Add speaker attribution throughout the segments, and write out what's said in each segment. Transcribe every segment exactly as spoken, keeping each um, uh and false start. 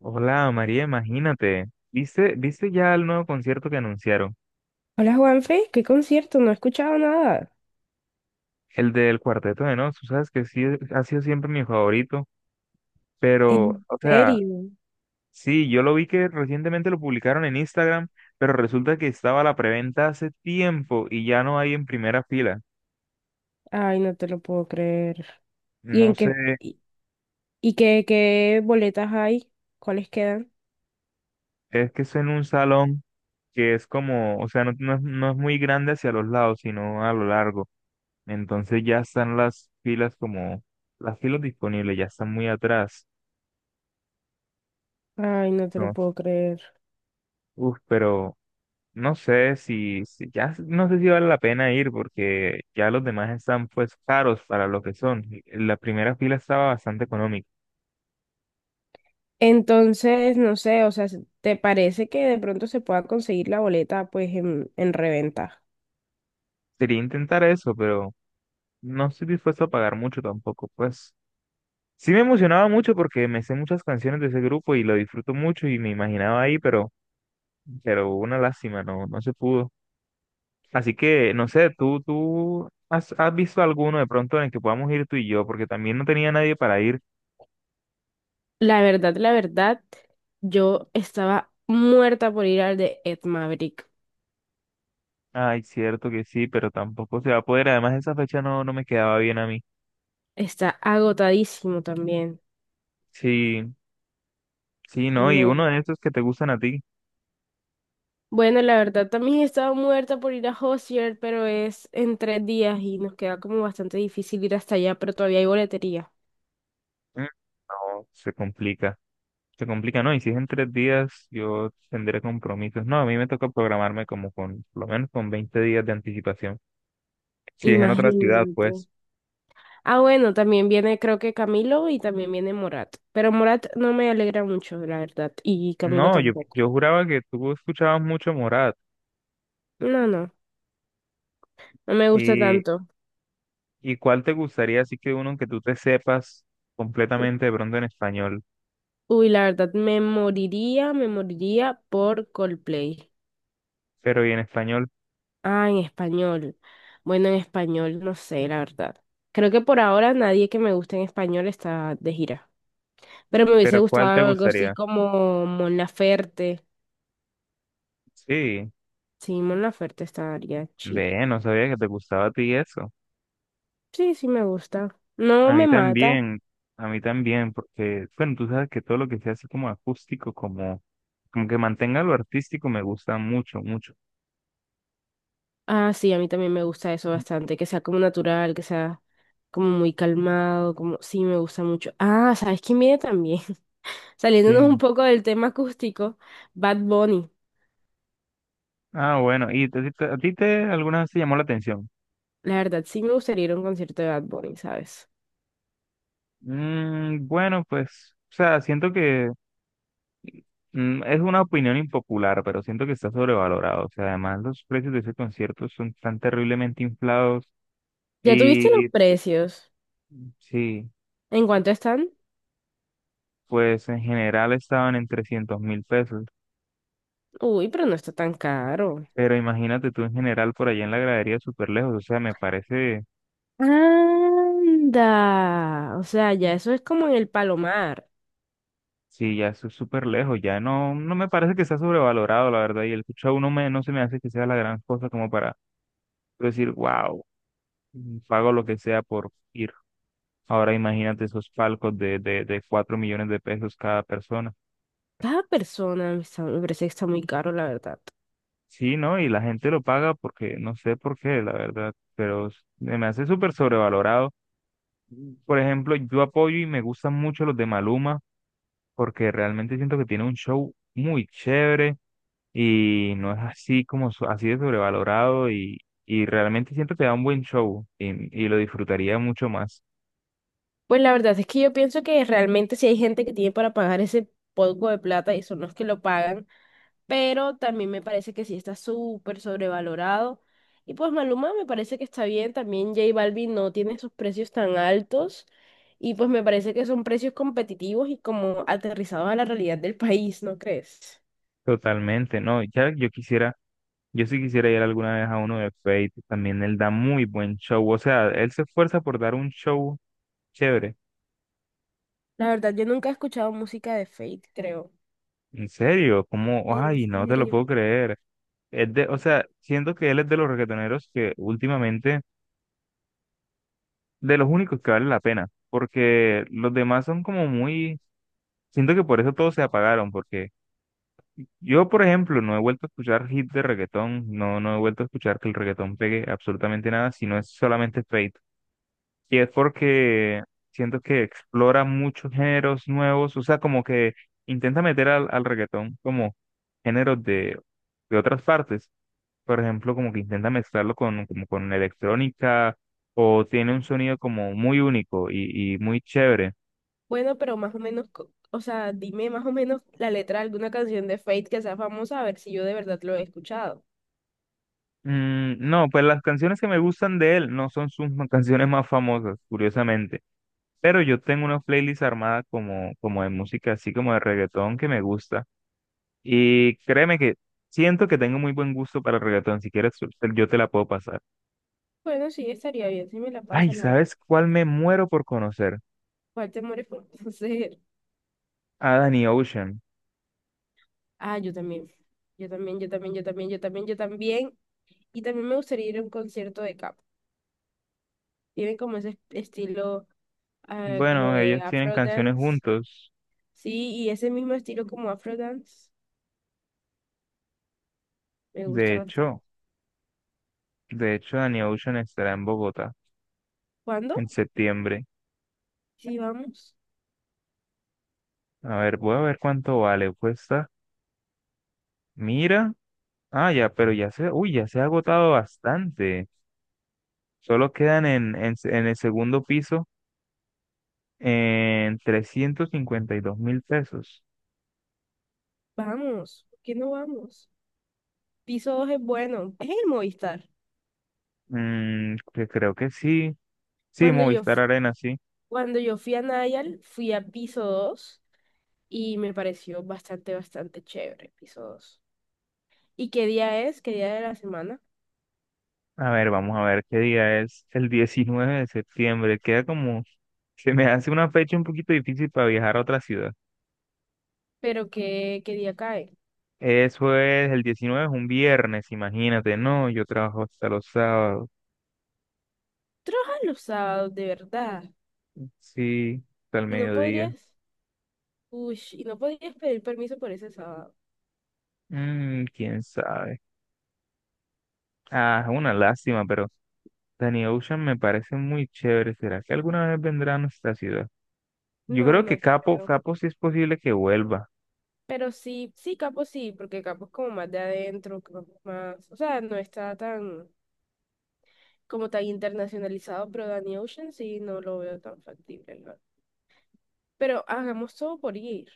Speaker 1: Hola María, imagínate. ¿Viste, viste ya el nuevo concierto que anunciaron?
Speaker 2: Hola Juanfe, ¿qué concierto? No he escuchado nada.
Speaker 1: El del Cuarteto de Nos. Tú sabes que sí ha sido siempre mi favorito. Pero,
Speaker 2: En-
Speaker 1: o sea,
Speaker 2: ¿serio?
Speaker 1: sí, yo lo vi que recientemente lo publicaron en Instagram, pero resulta que estaba la preventa hace tiempo y ya no hay en primera fila.
Speaker 2: Ay, no te lo puedo creer. ¿Y
Speaker 1: No
Speaker 2: en
Speaker 1: sé,
Speaker 2: qué, y, y qué, qué boletas hay? ¿Cuáles quedan?
Speaker 1: es que es en un salón que es como, o sea, no, no es no es muy grande hacia los lados, sino a lo largo. Entonces ya están las filas como, las filas disponibles ya están muy atrás.
Speaker 2: Ay, no te lo
Speaker 1: No.
Speaker 2: puedo creer.
Speaker 1: Uf, pero no sé si, si ya no sé si vale la pena ir porque ya los demás están pues caros para lo que son. La primera fila estaba bastante económica.
Speaker 2: Entonces, no sé, o sea, ¿te parece que de pronto se pueda conseguir la boleta pues en, en reventa?
Speaker 1: Sería intentar eso, pero no estoy dispuesto a pagar mucho tampoco. Pues sí me emocionaba mucho porque me sé muchas canciones de ese grupo y lo disfruto mucho y me imaginaba ahí, pero, pero una lástima, no, no se pudo. Así que no sé, tú, tú has, has visto alguno de pronto en el que podamos ir tú y yo, porque también no tenía nadie para ir.
Speaker 2: La verdad, la verdad, yo estaba muerta por ir al de Ed Maverick.
Speaker 1: Ay, cierto que sí, pero tampoco se va a poder. Además, esa fecha no, no me quedaba bien a mí.
Speaker 2: Está agotadísimo también.
Speaker 1: Sí, sí, no, y uno
Speaker 2: Me-
Speaker 1: de estos que te gustan a ti.
Speaker 2: Bueno, la verdad, también estaba muerta por ir a Hozier, pero es en tres días y nos queda como bastante difícil ir hasta allá, pero todavía hay boletería.
Speaker 1: Mm. No, se complica. Se complica, no, y si es en tres días, yo tendré compromisos. No, a mí me toca programarme como con, por lo menos con veinte días de anticipación. Si es en otra ciudad,
Speaker 2: Imagínate.
Speaker 1: pues.
Speaker 2: Ah, bueno, también viene creo que Camilo y también viene Morat. Pero Morat no me alegra mucho, la verdad, y Camilo
Speaker 1: No, yo,
Speaker 2: tampoco.
Speaker 1: yo juraba que tú escuchabas mucho Morat.
Speaker 2: No, no, no me gusta
Speaker 1: ¿Y,
Speaker 2: tanto.
Speaker 1: y cuál te gustaría? Así que uno que tú te sepas completamente de pronto en español,
Speaker 2: Uy, la verdad, me moriría, me moriría por Coldplay.
Speaker 1: pero y en español,
Speaker 2: Ah, en español. Bueno, en español, no sé, la verdad. Creo que por ahora nadie que me guste en español está de gira. Pero me hubiese
Speaker 1: pero ¿cuál te
Speaker 2: gustado algo así
Speaker 1: gustaría?
Speaker 2: como Mon Laferte.
Speaker 1: Sí,
Speaker 2: Sí, Mon Laferte estaría chill.
Speaker 1: ve, no sabía que te gustaba a ti eso.
Speaker 2: Sí, sí, me gusta. No
Speaker 1: A mí
Speaker 2: me mata.
Speaker 1: también, a mí también, porque, bueno, tú sabes que todo lo que sea así como acústico, como, como que mantenga lo artístico, me gusta mucho, mucho.
Speaker 2: Ah, sí, a mí también me gusta eso bastante. Que sea como natural, que sea como muy calmado, como... Sí, me gusta mucho. Ah, ¿sabes quién viene también? Saliéndonos un
Speaker 1: ¿Quién?
Speaker 2: poco del tema acústico, Bad Bunny.
Speaker 1: Ah, bueno, ¿y te- te- a ti te alguna vez te llamó la atención?
Speaker 2: La verdad, sí me gustaría ir a un concierto de Bad Bunny, ¿sabes?
Speaker 1: Mm, bueno, pues, o sea, siento que mm, es una opinión impopular, pero siento que está sobrevalorado. O sea, además los precios de ese concierto son tan terriblemente inflados
Speaker 2: ¿Ya tuviste los
Speaker 1: y
Speaker 2: precios?
Speaker 1: sí.
Speaker 2: ¿En cuánto están?
Speaker 1: Pues en general estaban en trescientos mil pesos.
Speaker 2: Uy, pero no está tan caro.
Speaker 1: Pero imagínate tú en general por allá en la gradería súper lejos. O sea, me parece,
Speaker 2: Anda. O sea, ya eso es como en el Palomar.
Speaker 1: sí, ya es súper lejos. Ya no, no me parece que sea sobrevalorado, la verdad. Y el cucho a uno me, no se me hace que sea la gran cosa como para decir, wow, pago lo que sea por ir. Ahora imagínate esos palcos de, de, de cuatro millones de pesos cada persona.
Speaker 2: Cada persona me, está- Me parece que está muy caro, la verdad.
Speaker 1: Sí, ¿no? Y la gente lo paga porque, no sé por qué, la verdad, pero se me hace súper sobrevalorado. Por ejemplo, yo apoyo y me gustan mucho los de Maluma porque realmente siento que tiene un show muy chévere y no es así como so- así de sobrevalorado y, y realmente siento que da un buen show y, y lo disfrutaría mucho más.
Speaker 2: Pues la verdad es que yo pienso que realmente si hay gente que tiene para pagar ese poco de plata y son los que lo pagan, pero también me parece que sí está súper sobrevalorado. Y pues Maluma me parece que está bien, también J Balvin no tiene sus precios tan altos y pues me parece que son precios competitivos y como aterrizados a la realidad del país, ¿no crees?
Speaker 1: Totalmente, ¿no? Ya yo quisiera, yo sí quisiera ir alguna vez a uno de Fate, también él da muy buen show, o sea, él se esfuerza por dar un show chévere.
Speaker 2: La verdad, yo nunca he escuchado música de Fate, creo.
Speaker 1: En serio, ¿cómo?
Speaker 2: En
Speaker 1: Ay, no te lo
Speaker 2: serio.
Speaker 1: puedo creer. Es de, o sea, siento que él es de los reggaetoneros que últimamente, de los únicos que vale la pena, porque los demás son como muy, siento que por eso todos se apagaron, porque yo, por ejemplo, no he vuelto a escuchar hits de reggaetón, no, no he vuelto a escuchar que el reggaetón pegue absolutamente nada, sino es solamente Fate. Y es porque siento que explora muchos géneros nuevos, o sea, como que intenta meter al, al reggaetón como géneros de, de otras partes. Por ejemplo, como que intenta mezclarlo con, como con electrónica o tiene un sonido como muy único y, y muy chévere.
Speaker 2: Bueno, pero más o menos, co- o sea, dime más o menos la letra de alguna canción de Fate que sea famosa, a ver si yo de verdad lo he escuchado.
Speaker 1: Mm, no, pues las canciones que me gustan de él no son sus ma- canciones más famosas, curiosamente, pero yo tengo una playlist armada como, como de música, así como de reggaetón que me gusta y créeme que siento que tengo muy buen gusto para el reggaetón, si quieres te- yo te la puedo pasar.
Speaker 2: Bueno, sí, estaría bien si me la
Speaker 1: Ay,
Speaker 2: pasan, la verdad.
Speaker 1: ¿sabes cuál me muero por conocer?
Speaker 2: ¿Cuál te mueres por conocer?
Speaker 1: A Danny Ocean.
Speaker 2: Ah, yo también. Yo también, yo también, yo también, yo también, yo también. Y también me gustaría ir a un concierto de Cap. Tienen como ese est- estilo, ah, como
Speaker 1: Bueno,
Speaker 2: de
Speaker 1: ellos tienen
Speaker 2: afro
Speaker 1: canciones
Speaker 2: dance.
Speaker 1: juntos.
Speaker 2: Sí, y ese mismo estilo como afro dance. Me
Speaker 1: De
Speaker 2: gusta bastante.
Speaker 1: hecho, de hecho, Danny Ocean estará en Bogotá
Speaker 2: ¿Cuándo?
Speaker 1: en septiembre.
Speaker 2: Sí, vamos.
Speaker 1: A ver, voy a ver cuánto vale. Cuesta. Mira. Ah, ya, pero ya se, uy, ya se ha agotado bastante. Solo quedan en, en, en el segundo piso en trescientos cincuenta y dos mil pesos.
Speaker 2: Vamos. ¿Por qué no vamos? Piso dos es bueno. Es el Movistar.
Speaker 1: Mm, que creo que sí. Sí,
Speaker 2: Cuando yo,
Speaker 1: Movistar
Speaker 2: f-
Speaker 1: Arena, sí.
Speaker 2: Cuando yo fui a Nayal, fui a Piso dos y me pareció bastante, bastante chévere Piso dos. ¿Y qué día es? ¿Qué día de la semana?
Speaker 1: A ver, vamos a ver qué día es. El diecinueve de septiembre. Queda como, se me hace una fecha un poquito difícil para viajar a otra ciudad.
Speaker 2: Pero qué, qué día cae.
Speaker 1: Eso es el diecinueve, es un viernes, imagínate, no, yo trabajo hasta los sábados,
Speaker 2: Trabajas los sábados, de verdad.
Speaker 1: sí, hasta el
Speaker 2: Y no
Speaker 1: mediodía.
Speaker 2: podrías, uy, y no podrías pedir permiso por ese sábado.
Speaker 1: Mm, quién sabe. Ah, es una lástima, pero Danny Ocean me parece muy chévere. ¿Será que alguna vez vendrá a nuestra ciudad? Yo
Speaker 2: No,
Speaker 1: creo que
Speaker 2: no
Speaker 1: Capo,
Speaker 2: creo.
Speaker 1: Capo sí es posible que vuelva.
Speaker 2: Pero sí, sí, Capo sí, porque Capo es como más de adentro, como más, o sea, no está tan, como tan internacionalizado, pero Danny Ocean sí no lo veo tan factible, ¿no? Pero hagamos todo por ir.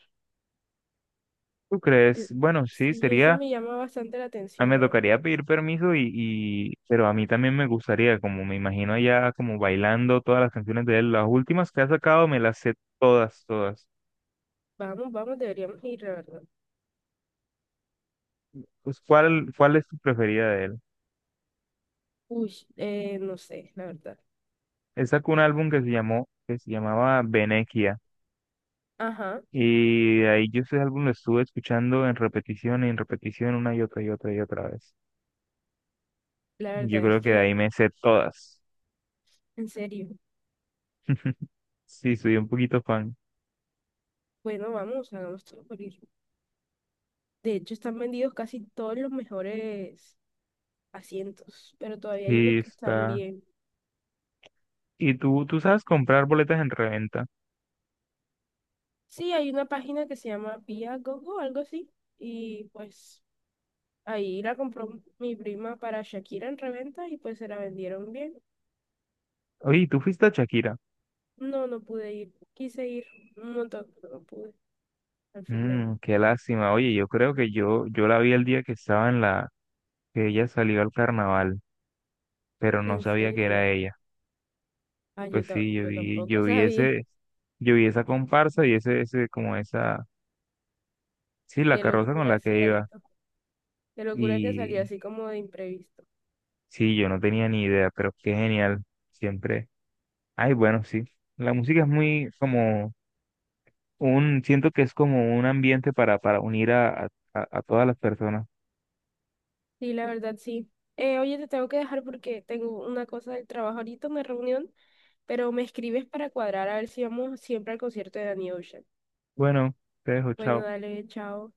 Speaker 1: ¿Tú
Speaker 2: Eh,
Speaker 1: crees? Bueno, sí,
Speaker 2: Sí, eso
Speaker 1: sería,
Speaker 2: me llama bastante la
Speaker 1: ah,
Speaker 2: atención,
Speaker 1: me
Speaker 2: la verdad.
Speaker 1: tocaría pedir permiso y, y, pero a mí también me gustaría, como me imagino allá como bailando todas las canciones de él. Las últimas que ha sacado me las sé todas, todas.
Speaker 2: Vamos, vamos, deberíamos ir, la verdad.
Speaker 1: Pues, ¿cuál, cuál es tu preferida de él?
Speaker 2: Uy, eh, no sé, la verdad.
Speaker 1: Él sacó un álbum que se llamó, que se llamaba Venequia.
Speaker 2: Ajá.
Speaker 1: Y de ahí yo ese álbum lo estuve escuchando en repetición y en repetición una y otra y otra y otra vez.
Speaker 2: La
Speaker 1: Yo
Speaker 2: verdad es
Speaker 1: creo que de
Speaker 2: que,
Speaker 1: ahí me sé todas.
Speaker 2: en serio,
Speaker 1: Sí, soy un poquito fan.
Speaker 2: bueno, vamos, hagamos todo por ir. De hecho, están vendidos casi todos los mejores asientos, pero todavía hay unos
Speaker 1: Sí,
Speaker 2: que están
Speaker 1: está.
Speaker 2: bien.
Speaker 1: Y tú, tú sabes comprar boletas en reventa.
Speaker 2: Sí, hay una página que se llama Viagogo, algo así, y pues ahí la compró mi prima para Shakira en reventa y pues se la vendieron bien.
Speaker 1: Oye, ¿y ¿tú fuiste a Shakira?
Speaker 2: No, no pude ir, quise ir un montón, pero no pude al final.
Speaker 1: Mm, qué lástima. Oye, yo creo que yo, yo la vi el día que estaba en la, que ella salió al carnaval, pero no
Speaker 2: En
Speaker 1: sabía que
Speaker 2: serio.
Speaker 1: era ella.
Speaker 2: Ah, yo,
Speaker 1: Pues
Speaker 2: ta-
Speaker 1: sí, yo
Speaker 2: yo
Speaker 1: vi, yo
Speaker 2: tampoco
Speaker 1: vi
Speaker 2: sabía.
Speaker 1: ese, yo vi esa comparsa y ese, ese, como esa, sí, la
Speaker 2: Qué
Speaker 1: carroza con
Speaker 2: locura,
Speaker 1: la que iba.
Speaker 2: ¿cierto? Qué locura que salió
Speaker 1: Y
Speaker 2: así como de imprevisto.
Speaker 1: sí, yo no tenía ni idea, pero qué genial. Siempre. Ay, bueno, sí. La música es muy como un, siento que es como un ambiente para, para unir a, a, a a todas las personas.
Speaker 2: Sí, la verdad, sí. Eh, oye, te tengo que dejar porque tengo una cosa del trabajo ahorita, una reunión, pero me escribes para cuadrar a ver si vamos siempre al concierto de Danny Ocean.
Speaker 1: Bueno, te dejo,
Speaker 2: Bueno,
Speaker 1: chao.
Speaker 2: dale, chao.